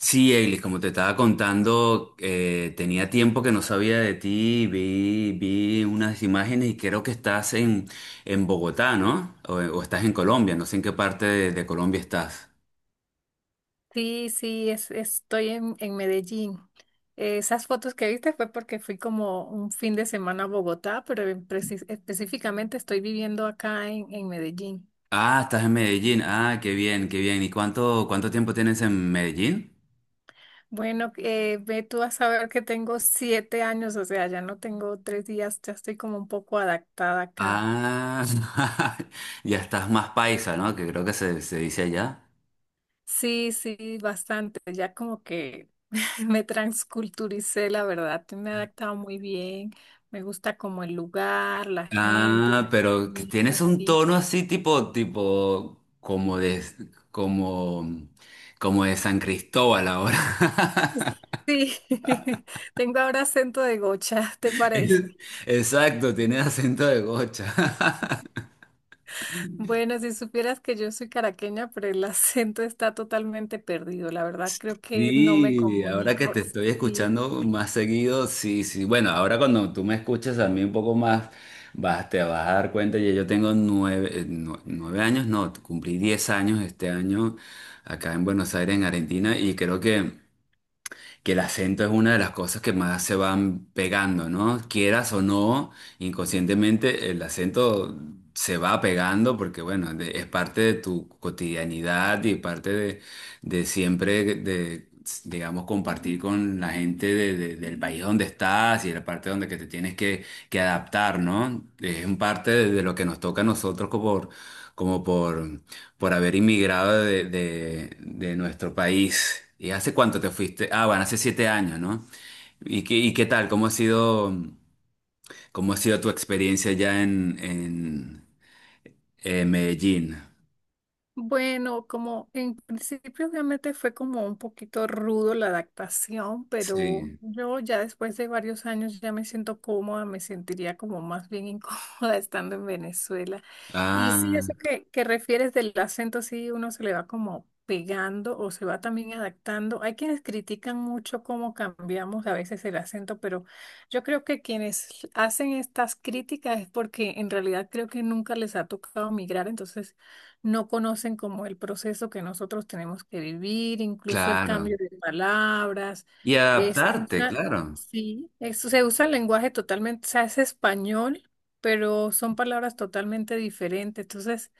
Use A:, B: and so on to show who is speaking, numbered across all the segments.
A: Sí, Eilis, como te estaba contando, tenía tiempo que no sabía de ti, vi unas imágenes y creo que estás en Bogotá, ¿no? O estás en Colombia, no sé en qué parte de Colombia estás.
B: Sí, sí, estoy en Medellín. Esas fotos que viste fue porque fui como un fin de semana a Bogotá, pero específicamente estoy viviendo acá en Medellín.
A: Ah, estás en Medellín, ah, qué bien, qué bien. ¿Y cuánto tiempo tienes en Medellín?
B: Bueno, ve tú a saber que tengo 7 años, o sea, ya no tengo tres días, ya estoy como un poco adaptada acá.
A: Ah, ya estás más paisa, ¿no? Que creo que se dice allá.
B: Sí, sí, bastante, ya como que me transculturicé, la verdad, me he adaptado muy bien, me gusta como el lugar, la gente,
A: Ah,
B: la
A: pero que tienes
B: comida,
A: un
B: sí.
A: tono así como de, como, como de San Cristóbal ahora.
B: Sí, tengo ahora acento de gocha, ¿te
A: Es-
B: parece?
A: Exacto, tienes acento de gocha.
B: Bueno, si supieras que yo soy caraqueña, pero el acento está totalmente perdido. La verdad, creo que no me
A: Sí, ahora que
B: comunico.
A: te estoy
B: Sí.
A: escuchando más seguido, sí, sí. Bueno, ahora cuando tú me escuches a mí un poco más, te vas a dar cuenta, ya yo tengo nueve años, no, cumplí 10 años este año acá en Buenos Aires, en Argentina, y creo que el acento es una de las cosas que más se van pegando, ¿no? Quieras o no, inconscientemente el acento se va pegando porque, bueno, es parte de tu cotidianidad y parte de siempre, de, digamos, compartir con la gente del país donde estás y la parte donde que te tienes que adaptar, ¿no? Es un parte de lo que nos toca a nosotros como, por como por por haber inmigrado de nuestro país. ¿Y hace cuánto te fuiste? Ah, bueno, hace 7 años, ¿no? ¿Y y qué tal? Cómo ha sido tu experiencia ya en Medellín?
B: Bueno, como en principio obviamente fue como un poquito rudo la adaptación, pero
A: Sí.
B: yo ya después de varios años ya me siento cómoda, me sentiría como más bien incómoda estando en Venezuela. Y sí,
A: Ah,
B: eso que refieres del acento, sí, uno se le va como pegando o se va también adaptando. Hay quienes critican mucho cómo cambiamos a veces el acento, pero yo creo que quienes hacen estas críticas es porque en realidad creo que nunca les ha tocado migrar, entonces no conocen como el proceso que nosotros tenemos que vivir, incluso el
A: claro.
B: cambio de palabras.
A: Y
B: Es,
A: adaptarte,
B: usa-
A: claro.
B: sí, eso se usa el lenguaje totalmente, o sea, es español, pero son palabras totalmente diferentes. Entonces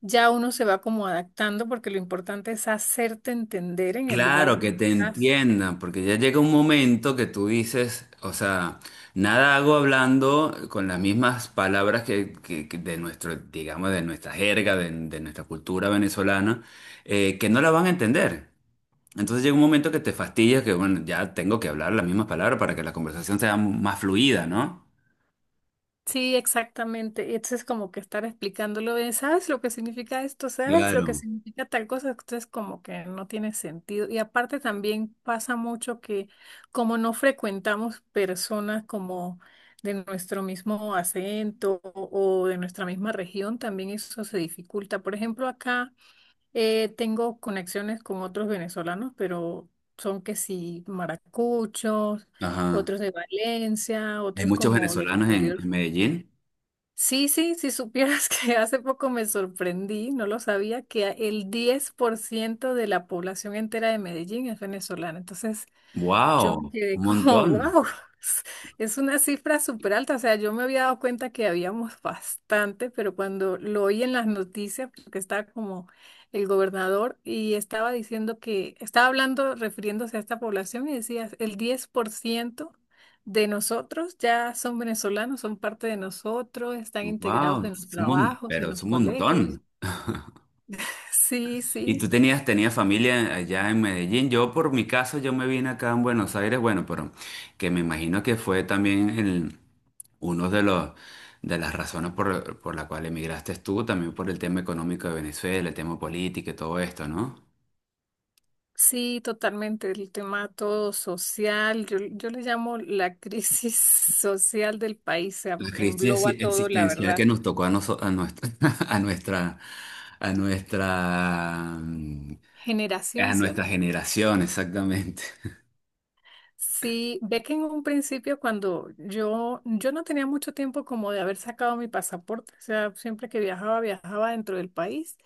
B: ya uno se va como adaptando porque lo importante es hacerte entender en el lugar
A: Claro, que
B: donde
A: te
B: estás.
A: entiendan, porque ya llega un momento que tú dices, o sea, nada hago hablando con las mismas palabras que, que de nuestro, digamos, de nuestra jerga, de nuestra cultura venezolana, que no la van a entender. Entonces llega un momento que te fastidias, que bueno, ya tengo que hablar las mismas palabras para que la conversación sea más fluida, ¿no?
B: Sí, exactamente. Y entonces es como que estar explicándolo de, ¿sabes lo que significa esto? ¿Sabes lo que
A: Claro.
B: significa tal cosa? Entonces como que no tiene sentido. Y aparte también pasa mucho que como no frecuentamos personas como de nuestro mismo acento o de nuestra misma región, también eso se dificulta. Por ejemplo, acá tengo conexiones con otros venezolanos, pero son que sí maracuchos,
A: Ajá.
B: otros de Valencia,
A: Hay
B: otros
A: muchos
B: como del
A: venezolanos en
B: interior.
A: Medellín.
B: Sí, sí, si supieras que hace poco me sorprendí, no lo sabía, que el 10% de la población entera de Medellín es venezolana. Entonces, yo me
A: ¡Wow! Un
B: quedé como,
A: montón.
B: wow, es una cifra súper alta. O sea, yo me había dado cuenta que habíamos bastante, pero cuando lo oí en las noticias, porque estaba como el gobernador y estaba diciendo que, estaba hablando, refiriéndose a esta población y decía, el 10% de nosotros ya son venezolanos, son parte de nosotros, están integrados
A: ¡Wow!
B: en los
A: Es un
B: trabajos,
A: pero
B: en
A: es
B: los
A: un
B: colegios.
A: montón.
B: Sí,
A: ¿Y
B: sí.
A: tú tenías familia allá en Medellín? Yo, por mi caso, yo me vine acá en Buenos Aires, bueno, pero que me imagino que fue también uno de los, de las razones por la cual emigraste tú, también por el tema económico de Venezuela, el tema político y todo esto, ¿no?
B: Sí, totalmente. El tema todo social, yo le llamo la crisis social del país, o sea,
A: La
B: porque
A: crisis
B: engloba todo, la
A: existencial
B: verdad.
A: que nos tocó a, a nuestra, a nuestra, a nuestra,
B: Generación,
A: a nuestra
B: ¿cierto?
A: generación, exactamente.
B: Sí, ve que en un principio cuando yo no tenía mucho tiempo como de haber sacado mi pasaporte, o sea, siempre que viajaba, viajaba dentro del país,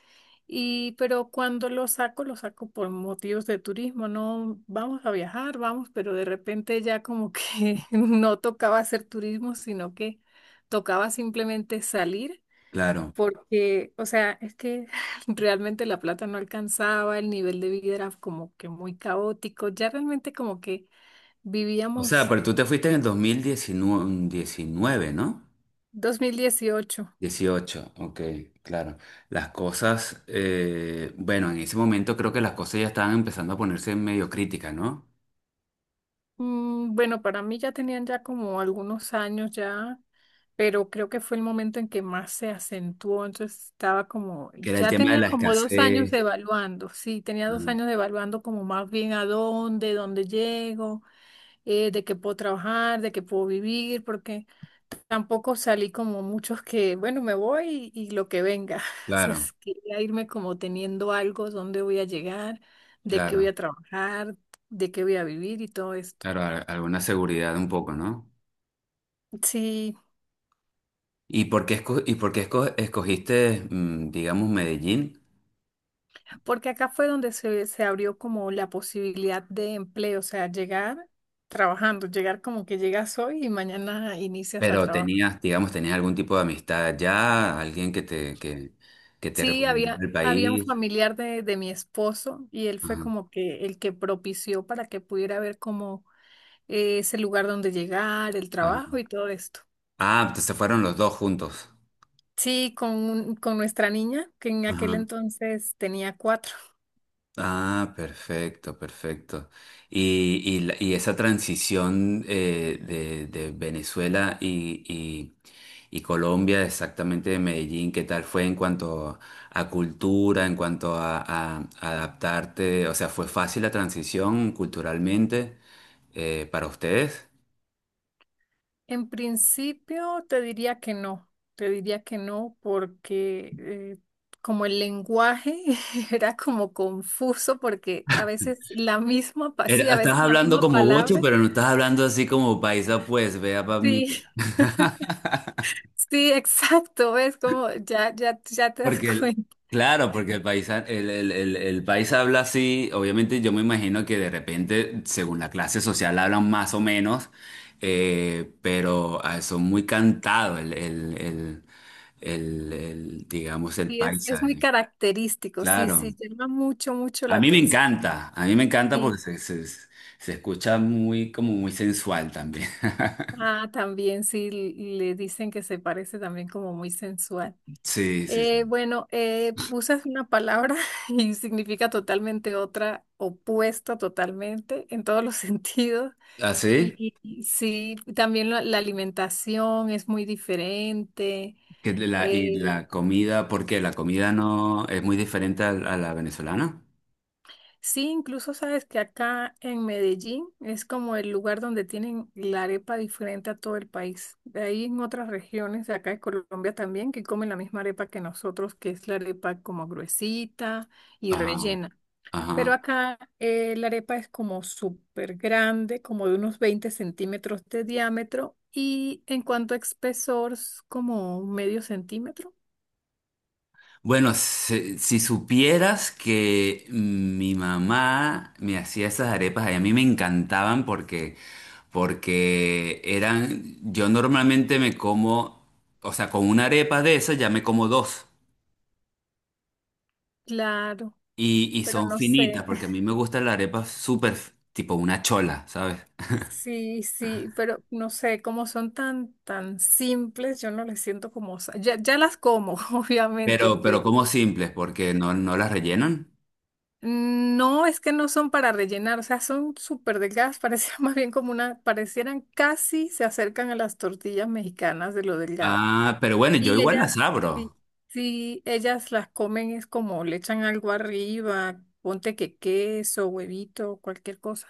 B: y pero cuando lo saco por motivos de turismo, no vamos a viajar, vamos, pero de repente ya como que no tocaba hacer turismo, sino que tocaba simplemente salir
A: Claro.
B: porque, o sea, es que realmente la plata no alcanzaba, el nivel de vida era como que muy caótico, ya realmente como que
A: O sea,
B: vivíamos
A: pero tú te fuiste en el 2019, ¿no?
B: 2018.
A: Dieciocho, ok, claro. Las cosas, bueno, en ese momento creo que las cosas ya estaban empezando a ponerse medio críticas, ¿no?
B: Mm, bueno, para mí ya tenían ya como algunos años ya, pero creo que fue el momento en que más se acentuó, entonces estaba como,
A: Que era el
B: ya
A: tema de
B: tenía
A: la
B: como 2 años
A: escasez.
B: evaluando, sí, tenía dos
A: Ajá.
B: años evaluando como más bien a dónde llego, de qué puedo trabajar, de qué puedo vivir, porque... Tampoco salí como muchos que, bueno, me voy y lo que venga.
A: Claro,
B: Entonces, quería irme como teniendo algo, dónde voy a llegar, de qué voy
A: claro,
B: a trabajar, de qué voy a vivir y todo esto.
A: claro, alguna seguridad un poco, ¿no?
B: Sí,
A: ¿Y por qué, y por qué escogiste, mm, digamos, Medellín?
B: porque acá fue donde se abrió como la posibilidad de empleo, o sea, llegar trabajando, llegar como que llegas hoy y mañana inicias a
A: Pero
B: trabajar.
A: digamos, tenías algún tipo de amistad allá, alguien que que te
B: Sí,
A: recomendó el
B: había un
A: país.
B: familiar de mi esposo y él fue
A: Ajá,
B: como que el que propició para que pudiera ver como es el lugar donde llegar, el
A: ajá.
B: trabajo y todo esto.
A: Ah, se fueron los dos juntos.
B: Sí, con, con nuestra niña, que en aquel
A: Ajá.
B: entonces tenía cuatro.
A: Ah, perfecto, perfecto. Y y esa transición de Venezuela y Colombia, exactamente de Medellín, ¿qué tal fue en cuanto a cultura, en cuanto a adaptarte? O sea, ¿fue fácil la transición culturalmente para ustedes?
B: En principio te diría que no, te diría que no porque como el lenguaje era como confuso porque a veces la misma, sí, a
A: Estás
B: veces la
A: hablando
B: misma
A: como gocho,
B: palabra.
A: pero no estás hablando así como paisa, pues, vea para mí.
B: Sí, sí, exacto, es como ya te das
A: Porque el,
B: cuenta.
A: claro, porque el paisa, el paisa habla así, obviamente yo me imagino que de repente, según la clase social, hablan más o menos, pero ah, son muy cantados digamos, el
B: Sí, es
A: paisa.
B: muy
A: Eh,
B: característico, sí,
A: claro.
B: sí, llama mucho, mucho
A: A
B: la
A: mí me
B: atención.
A: encanta, a mí me encanta porque
B: Sí.
A: se escucha muy, como muy sensual también.
B: Ah, también sí, le dicen que se parece también como muy sensual.
A: Sí,
B: Eh,
A: sí.
B: bueno, eh, usas una palabra y significa totalmente otra, opuesta totalmente en todos los sentidos.
A: ¿Ah, sí? ¿Así?
B: Y sí, también la alimentación es muy diferente.
A: Que la,
B: eh,
A: y la comida, ¿por qué? ¿La comida no es muy diferente a la venezolana?
B: Sí, incluso sabes que acá en Medellín es como el lugar donde tienen la arepa diferente a todo el país. De ahí en otras regiones de acá de Colombia también que comen la misma arepa que nosotros, que es la arepa como gruesita y
A: Ajá,
B: rellena. Pero
A: ajá.
B: acá la arepa es como súper grande, como de unos 20 centímetros de diámetro y en cuanto a espesor, es como medio centímetro.
A: Bueno, si supieras que mi mamá me hacía esas arepas, y a mí me encantaban porque, porque eran, yo normalmente me como, o sea, con una arepa de esas ya me como dos.
B: Claro,
A: Y
B: pero
A: son
B: no
A: finitas,
B: sé.
A: porque a mí me gustan las arepas súper, tipo una chola, ¿sabes?
B: Sí, sí, pero no sé, como son tan, tan simples, yo no les siento como, ya las como, obviamente,
A: Pero
B: pero
A: como simples, porque no las rellenan.
B: no es que no son para rellenar, o sea, son súper delgadas, parecían más bien como una, parecieran casi se acercan a las tortillas mexicanas de lo delgada.
A: Ah, pero bueno, yo
B: Y
A: igual las
B: ellas, sí,
A: abro.
B: sí, ellas las comen es como le echan algo arriba, ponte que queso, huevito, cualquier cosa.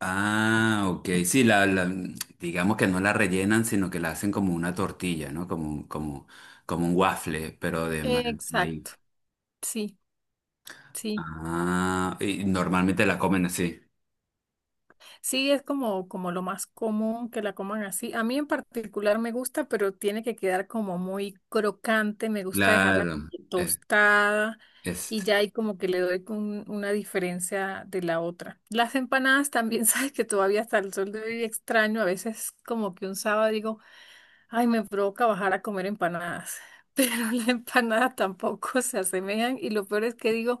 A: Ah, ok. Sí, digamos que no la rellenan, sino que la hacen como una tortilla, ¿no? Como un waffle, pero de de
B: Exacto,
A: maíz.
B: sí, sí.
A: Ah, y normalmente la comen así.
B: Sí, es como, como lo más común que la coman así. A mí en particular me gusta, pero tiene que quedar como muy crocante. Me gusta dejarla como
A: Claro. Eh,
B: tostada
A: es,
B: y ya ahí como que le doy con una diferencia de la otra. Las empanadas también, sabes que todavía hasta el sol de hoy extraño. A veces como que un sábado digo, ay, me provoca bajar a comer empanadas. Pero las empanadas tampoco se asemejan y lo peor es que digo,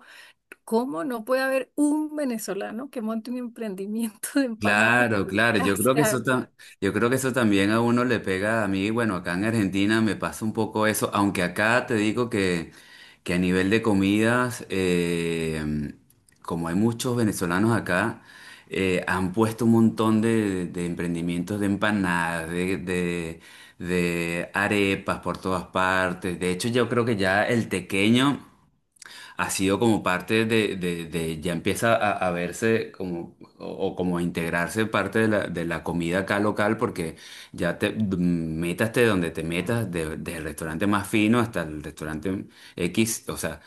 B: ¿cómo no puede haber un venezolano que monte un emprendimiento de empanadas?
A: claro, claro,
B: O
A: yo creo que eso
B: sea,
A: yo creo que eso también a uno le pega a mí, bueno, acá en Argentina me pasa un poco eso, aunque acá te digo que a nivel de comidas, como hay muchos venezolanos acá, han puesto un montón de emprendimientos de empanadas, de arepas por todas partes, de hecho yo creo que ya el tequeño ha sido como parte ya empieza a verse como, o como a integrarse parte de de la comida acá local, porque ya te mm, métaste donde te metas, desde el restaurante más fino hasta el restaurante X, o sea,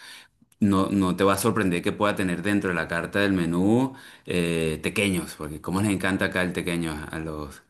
A: no te va a sorprender que pueda tener dentro de la carta del menú tequeños, porque como les encanta acá el tequeño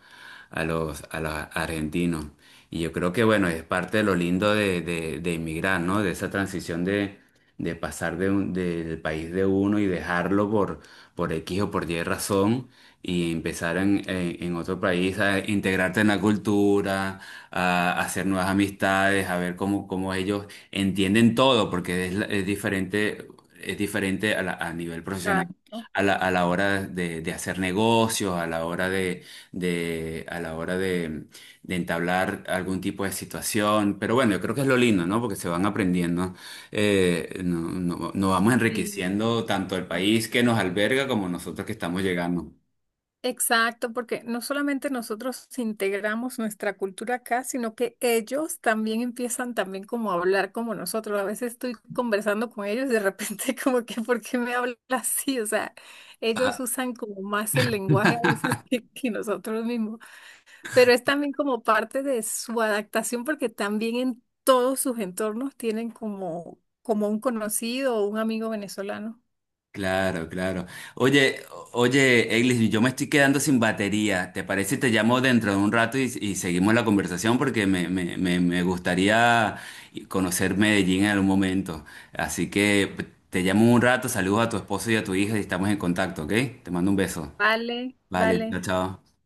A: a a los argentinos. Y yo creo que, bueno, es parte de lo lindo de inmigrar, ¿no? De esa transición de pasar de del país de uno y dejarlo por X o por Y razón y empezar en otro país a integrarte en la cultura, a hacer nuevas amistades, a ver cómo, cómo ellos entienden todo, porque es, es diferente a nivel profesional
B: exacto.
A: a a la hora de hacer negocios, a la hora a la hora de entablar algún tipo de situación. Pero bueno, yo creo que es lo lindo, ¿no? Porque se van aprendiendo, nos vamos
B: Sí.
A: enriqueciendo tanto el país que nos alberga como nosotros que estamos llegando.
B: Exacto, porque no solamente nosotros integramos nuestra cultura acá, sino que ellos también empiezan también como a hablar como nosotros. A veces estoy conversando con ellos y de repente como que, ¿por qué me hablas así? O sea, ellos usan como más el lenguaje a veces que nosotros mismos. Pero es también como parte de su adaptación porque también en todos sus entornos tienen como, como un conocido o un amigo venezolano.
A: Claro, claro. Oye, oye, Eglis, yo me estoy quedando sin batería. ¿Te parece si te llamo dentro de un rato y seguimos la conversación? Porque me gustaría conocer Medellín en algún momento. Así que te llamo un rato, saludos a tu esposo y a tu hija y estamos en contacto, ¿ok? Te mando un beso.
B: Vale,
A: Vale, chao,
B: vale.
A: chao.